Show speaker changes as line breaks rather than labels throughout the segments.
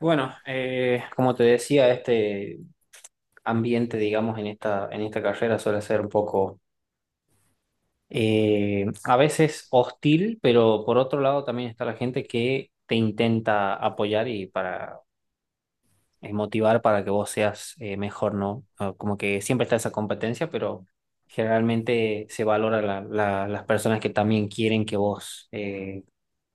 Bueno, como te decía, este ambiente, digamos, en esta carrera suele ser un poco, a veces hostil, pero por otro lado también está la gente que te intenta apoyar y para motivar para que vos seas mejor, ¿no? Ah, como que siempre está esa competencia, pero generalmente se valora las personas que también quieren que vos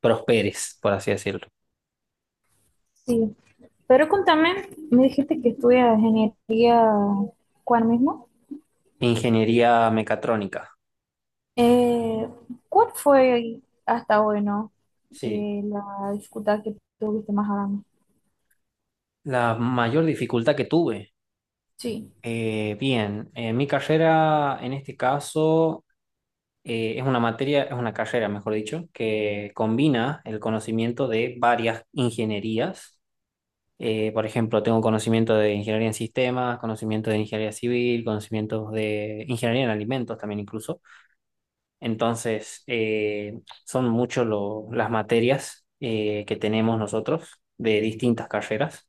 prosperes, por así decirlo.
Sí, pero contame, me dijiste que estudias ingeniería, ¿cuál mismo?
Ingeniería mecatrónica,
Eh, ¿Cuál fue hasta hoy, no?
sí.
La dificultad que tuviste más grande.
La mayor dificultad que tuve.
Sí.
Bien, mi carrera en este caso es una materia, es una carrera, mejor dicho, que combina el conocimiento de varias ingenierías. Por ejemplo, tengo conocimiento de ingeniería en sistemas, conocimiento de ingeniería civil, conocimientos de ingeniería en alimentos también incluso. Entonces, son muchos las materias que tenemos nosotros de distintas carreras,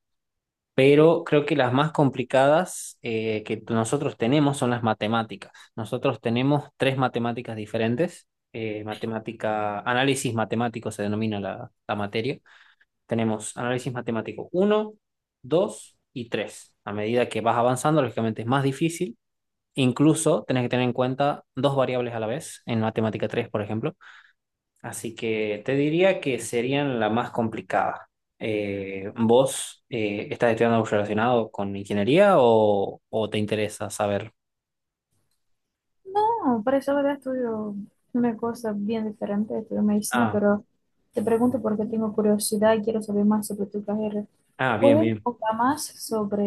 pero creo que las más complicadas que nosotros tenemos son las matemáticas. Nosotros tenemos tres matemáticas diferentes. Matemática, análisis matemático se denomina la materia. Tenemos análisis matemático uno, 2 y 3. A medida que vas avanzando, lógicamente es más difícil. Incluso tenés que tener en cuenta dos variables a la vez en matemática 3, por ejemplo. Así que te diría que serían la más complicada. ¿Vos estás estudiando algo relacionado con ingeniería o te interesa saber?
No, por eso ahora estudio una cosa bien diferente, estudio medicina,
Ah,
pero te pregunto porque tengo curiosidad y quiero saber más sobre tu carrera.
ah, bien,
¿Puedes
bien.
contar más sobre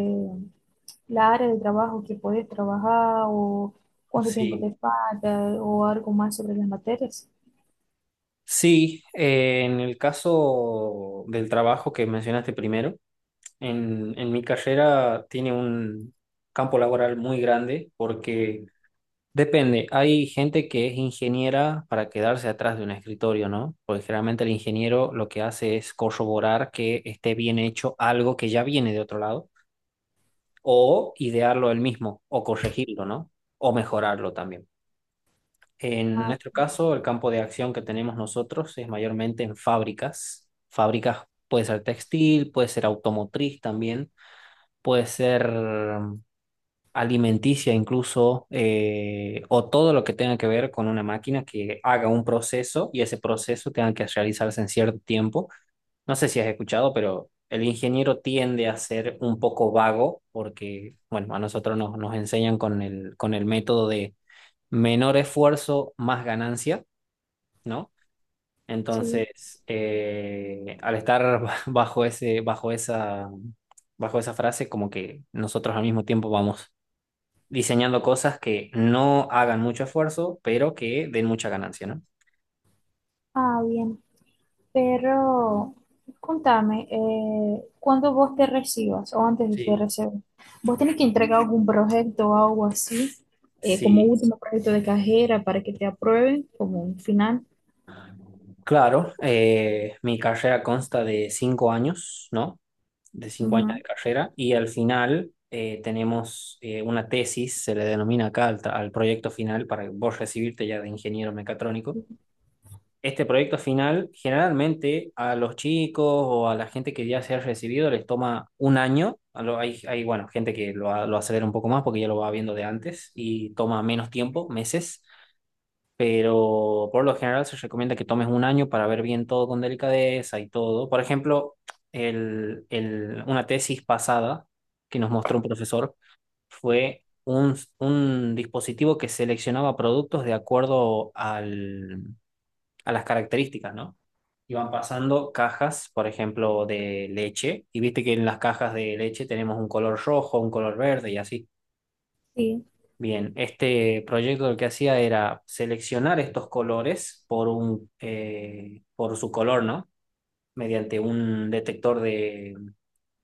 la área de trabajo que puedes trabajar o cuánto tiempo
Sí.
te falta o algo más sobre las materias?
Sí, en el caso del trabajo que mencionaste primero, en mi carrera tiene un campo laboral muy grande porque depende. Hay gente que es ingeniera para quedarse atrás de un escritorio, ¿no? Porque generalmente el ingeniero lo que hace es corroborar que esté bien hecho algo que ya viene de otro lado, o idearlo él mismo, o corregirlo, ¿no? O mejorarlo también. En
Ah,
nuestro caso, el campo de acción que tenemos nosotros es mayormente en fábricas. Fábricas puede ser textil, puede ser automotriz también, puede ser alimenticia incluso, o todo lo que tenga que ver con una máquina que haga un proceso y ese proceso tenga que realizarse en cierto tiempo. No sé si has escuchado, pero el ingeniero tiende a ser un poco vago porque, bueno, a nosotros nos, nos enseñan con el método de menor esfuerzo, más ganancia, ¿no?
sí,
Entonces, al estar bajo ese, bajo esa, bajo esa frase, como que nosotros al mismo tiempo vamos diseñando cosas que no hagan mucho esfuerzo, pero que den mucha ganancia, ¿no?
ah, bien. Pero contame, ¿cuándo vos te recibas o antes de que te
Sí,
recibas? ¿Vos tenés que entregar algún proyecto o algo así, como
sí,
último proyecto de carrera para que te aprueben, como un final?
claro, mi carrera consta de 5 años, ¿no? De 5 años de
Ujú,
carrera y al final tenemos una tesis, se le denomina acá al proyecto final para vos recibirte ya de ingeniero mecatrónico. Este proyecto final, generalmente a los chicos o a la gente que ya se ha recibido les toma un año. Bueno, gente que lo acelera un poco más porque ya lo va viendo de antes y toma menos tiempo, meses, pero por lo general se recomienda que tomes un año para ver bien todo con delicadeza y todo. Por ejemplo, una tesis pasada que nos mostró un profesor fue un dispositivo que seleccionaba productos de acuerdo al a las características, ¿no? Iban pasando cajas, por ejemplo, de leche, y viste que en las cajas de leche tenemos un color rojo, un color verde y así.
sí,
Bien, este proyecto lo que hacía era seleccionar estos colores por un, por su color, ¿no? Mediante un detector de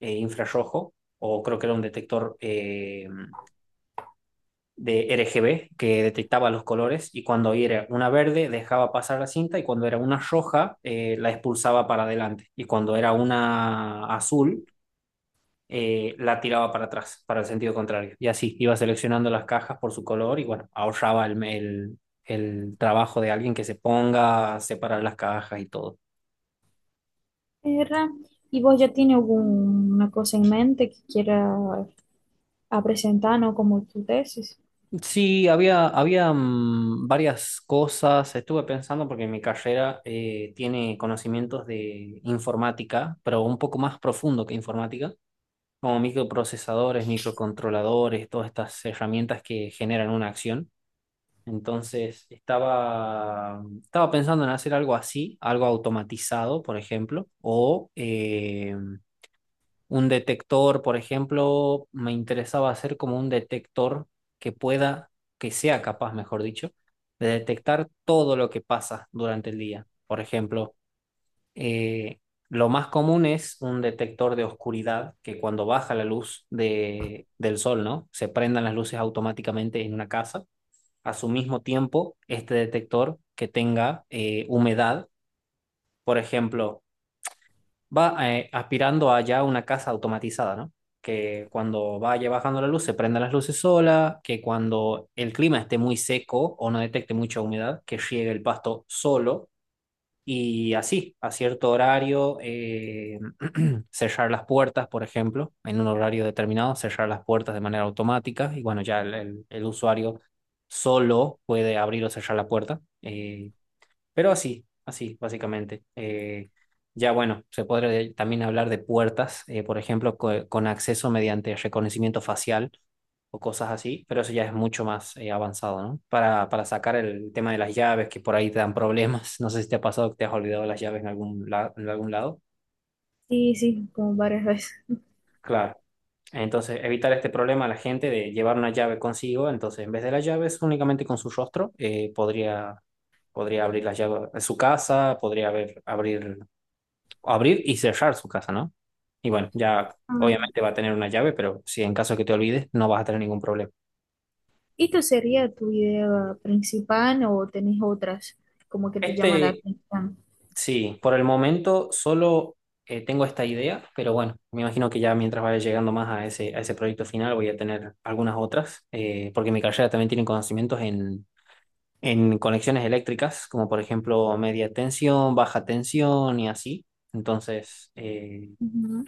infrarrojo, o creo que era un detector de RGB que detectaba los colores y cuando era una verde dejaba pasar la cinta y cuando era una roja la expulsaba para adelante y cuando era una azul la tiraba para atrás, para el sentido contrario. Y así iba seleccionando las cajas por su color y bueno, ahorraba el trabajo de alguien que se ponga a separar las cajas y todo.
era. ¿Y vos ya tienes alguna cosa en mente que quieras presentar, no como tu tesis?
Sí, había varias cosas. Estuve pensando porque mi carrera tiene conocimientos de informática, pero un poco más profundo que informática, como microprocesadores, microcontroladores, todas estas herramientas que generan una acción. Entonces, estaba, estaba pensando en hacer algo así, algo automatizado, por ejemplo, o un detector, por ejemplo, me interesaba hacer como un detector que pueda, que sea capaz, mejor dicho, de detectar todo lo que pasa durante el día. Por ejemplo, eh, lo más común es un detector de oscuridad que cuando baja la luz del sol, ¿no? Se prendan las luces automáticamente en una casa. A su mismo tiempo, este detector que tenga humedad, por ejemplo, va aspirando allá a ya una casa automatizada, ¿no? Que cuando vaya bajando la luz se prendan las luces sola, que cuando el clima esté muy seco o no detecte mucha humedad, que riegue el pasto solo y así, a cierto horario, cerrar las puertas, por ejemplo, en un horario determinado, cerrar las puertas de manera automática y bueno, ya el usuario solo puede abrir o cerrar la puerta. Pero así, así, básicamente. Ya bueno, se podría también hablar de puertas, por ejemplo, con acceso mediante reconocimiento facial o cosas así, pero eso ya es mucho más avanzado, ¿no? Para sacar el tema de las llaves, que por ahí te dan problemas. No sé si te ha pasado que te has olvidado las llaves en algún lado.
Sí, sí, como varias veces.
Claro. Entonces, evitar este problema a la gente de llevar una llave consigo. Entonces, en vez de las llaves, únicamente con su rostro, podría abrir las llaves de su casa, podría abrir y cerrar su casa, ¿no? Y bueno, ya obviamente va a tener una llave, pero si en caso que te olvides, no vas a tener ningún problema.
¿Esta sería tu idea principal o tenés otras como que te llama la
Este,
atención?
sí, por el momento solo tengo esta idea, pero bueno, me imagino que ya mientras vaya llegando más a ese proyecto final voy a tener algunas otras, porque mi carrera también tiene conocimientos en conexiones eléctricas, como por ejemplo media tensión, baja tensión y así. Entonces, eh,
Ujú.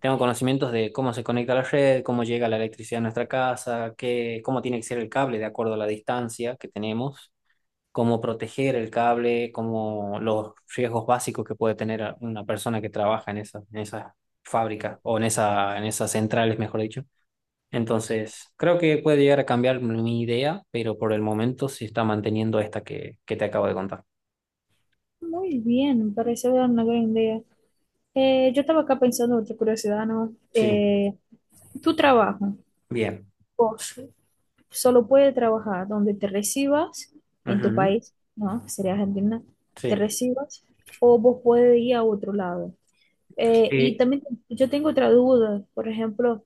Tengo conocimientos de cómo se conecta la red, cómo llega la electricidad a nuestra casa, qué, cómo tiene que ser el cable de acuerdo a la distancia que tenemos, cómo proteger el cable, cómo los riesgos básicos que puede tener una persona que trabaja en esa fábrica o en esas centrales, mejor dicho. Entonces, creo que puede llegar a cambiar mi idea, pero por el momento se está manteniendo esta que te acabo de contar.
Muy bien, me parece una gran idea. Yo estaba acá pensando otra curiosidad, ¿no?
Sí,
Tu trabajo,
bien.
vos solo puedes trabajar donde te recibas en tu
Ujú,
país, ¿no? Que sería Argentina, te
sí.
recibas o vos puedes ir a otro lado. Y
Eh,
también yo tengo otra duda, por ejemplo.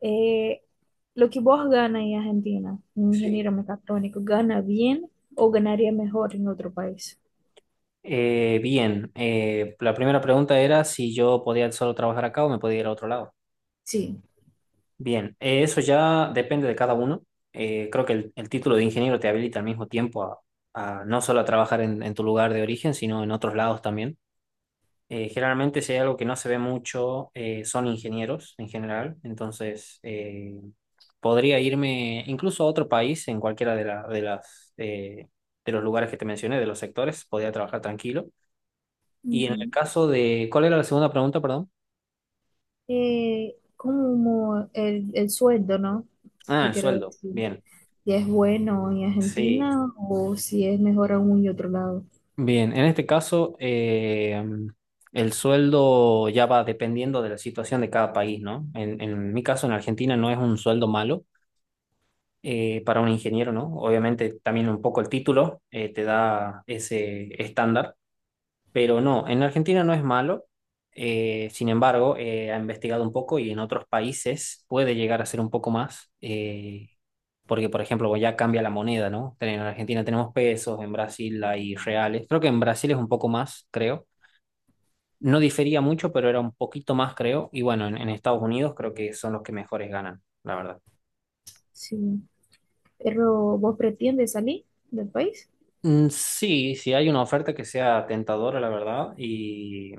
Eh, lo que vos ganas en Argentina, un
Sí.
ingeniero mecatrónico, ¿gana bien o ganaría mejor en otro país?
Bien, la primera pregunta era si yo podía solo trabajar acá o me podía ir a otro lado.
Sí,
Bien, eso ya depende de cada uno. Creo que el título de ingeniero te habilita al mismo tiempo a no solo a trabajar en tu lugar de origen, sino en otros lados también. Generalmente si hay algo que no se ve mucho, son ingenieros en general. Entonces, podría irme incluso a otro país, en cualquiera de, la- de las, de los lugares que te mencioné, de los sectores, podría trabajar tranquilo. Y en el
ujú.
caso de, ¿cuál era la segunda pregunta, perdón?
Como el sueldo, ¿no?
Ah,
Yo
el
quiero
sueldo.
decir,
Bien,
si es bueno en
sí.
Argentina o si es mejor aún y otro lado.
Bien, en este caso, el sueldo ya va dependiendo de la situación de cada país, ¿no? En mi caso, en Argentina no es un sueldo malo para un ingeniero, ¿no? Obviamente también un poco el título te da ese estándar. Pero no, en Argentina no es malo. Sin embargo, ha investigado un poco y en otros países puede llegar a ser un poco más. Porque, por ejemplo, pues ya cambia la moneda, ¿no? En Argentina tenemos pesos, en Brasil hay reales. Creo que en Brasil es un poco más, creo. No difería mucho, pero era un poquito más, creo. Y bueno, en Estados Unidos creo que son los que mejores ganan, la verdad.
Sí. Pero vos pretendes salir del país.
Mm, sí, sí hay una oferta que sea tentadora, la verdad, y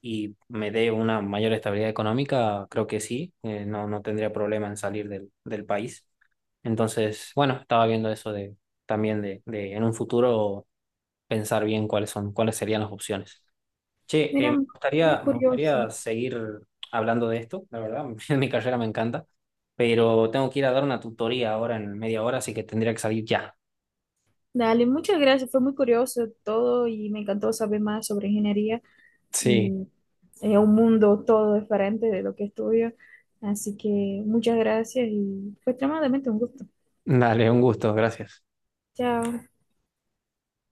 y me dé una mayor estabilidad económica, creo que sí, no, no tendría problema en salir del país. Entonces, bueno, estaba viendo eso de también de en un futuro pensar bien cuáles serían las opciones. Che,
Mira,
me
muy
gustaría, me
curioso.
gustaría seguir hablando de esto, la verdad, mi carrera me encanta, pero tengo que ir a dar una tutoría ahora en media hora, así que tendría que salir ya.
Dale, muchas gracias. Fue muy curioso todo y me encantó saber más sobre ingeniería.
Sí,
Y es un mundo todo diferente de lo que estudio. Así que muchas gracias y fue extremadamente un gusto.
dale, un gusto, gracias.
Chao.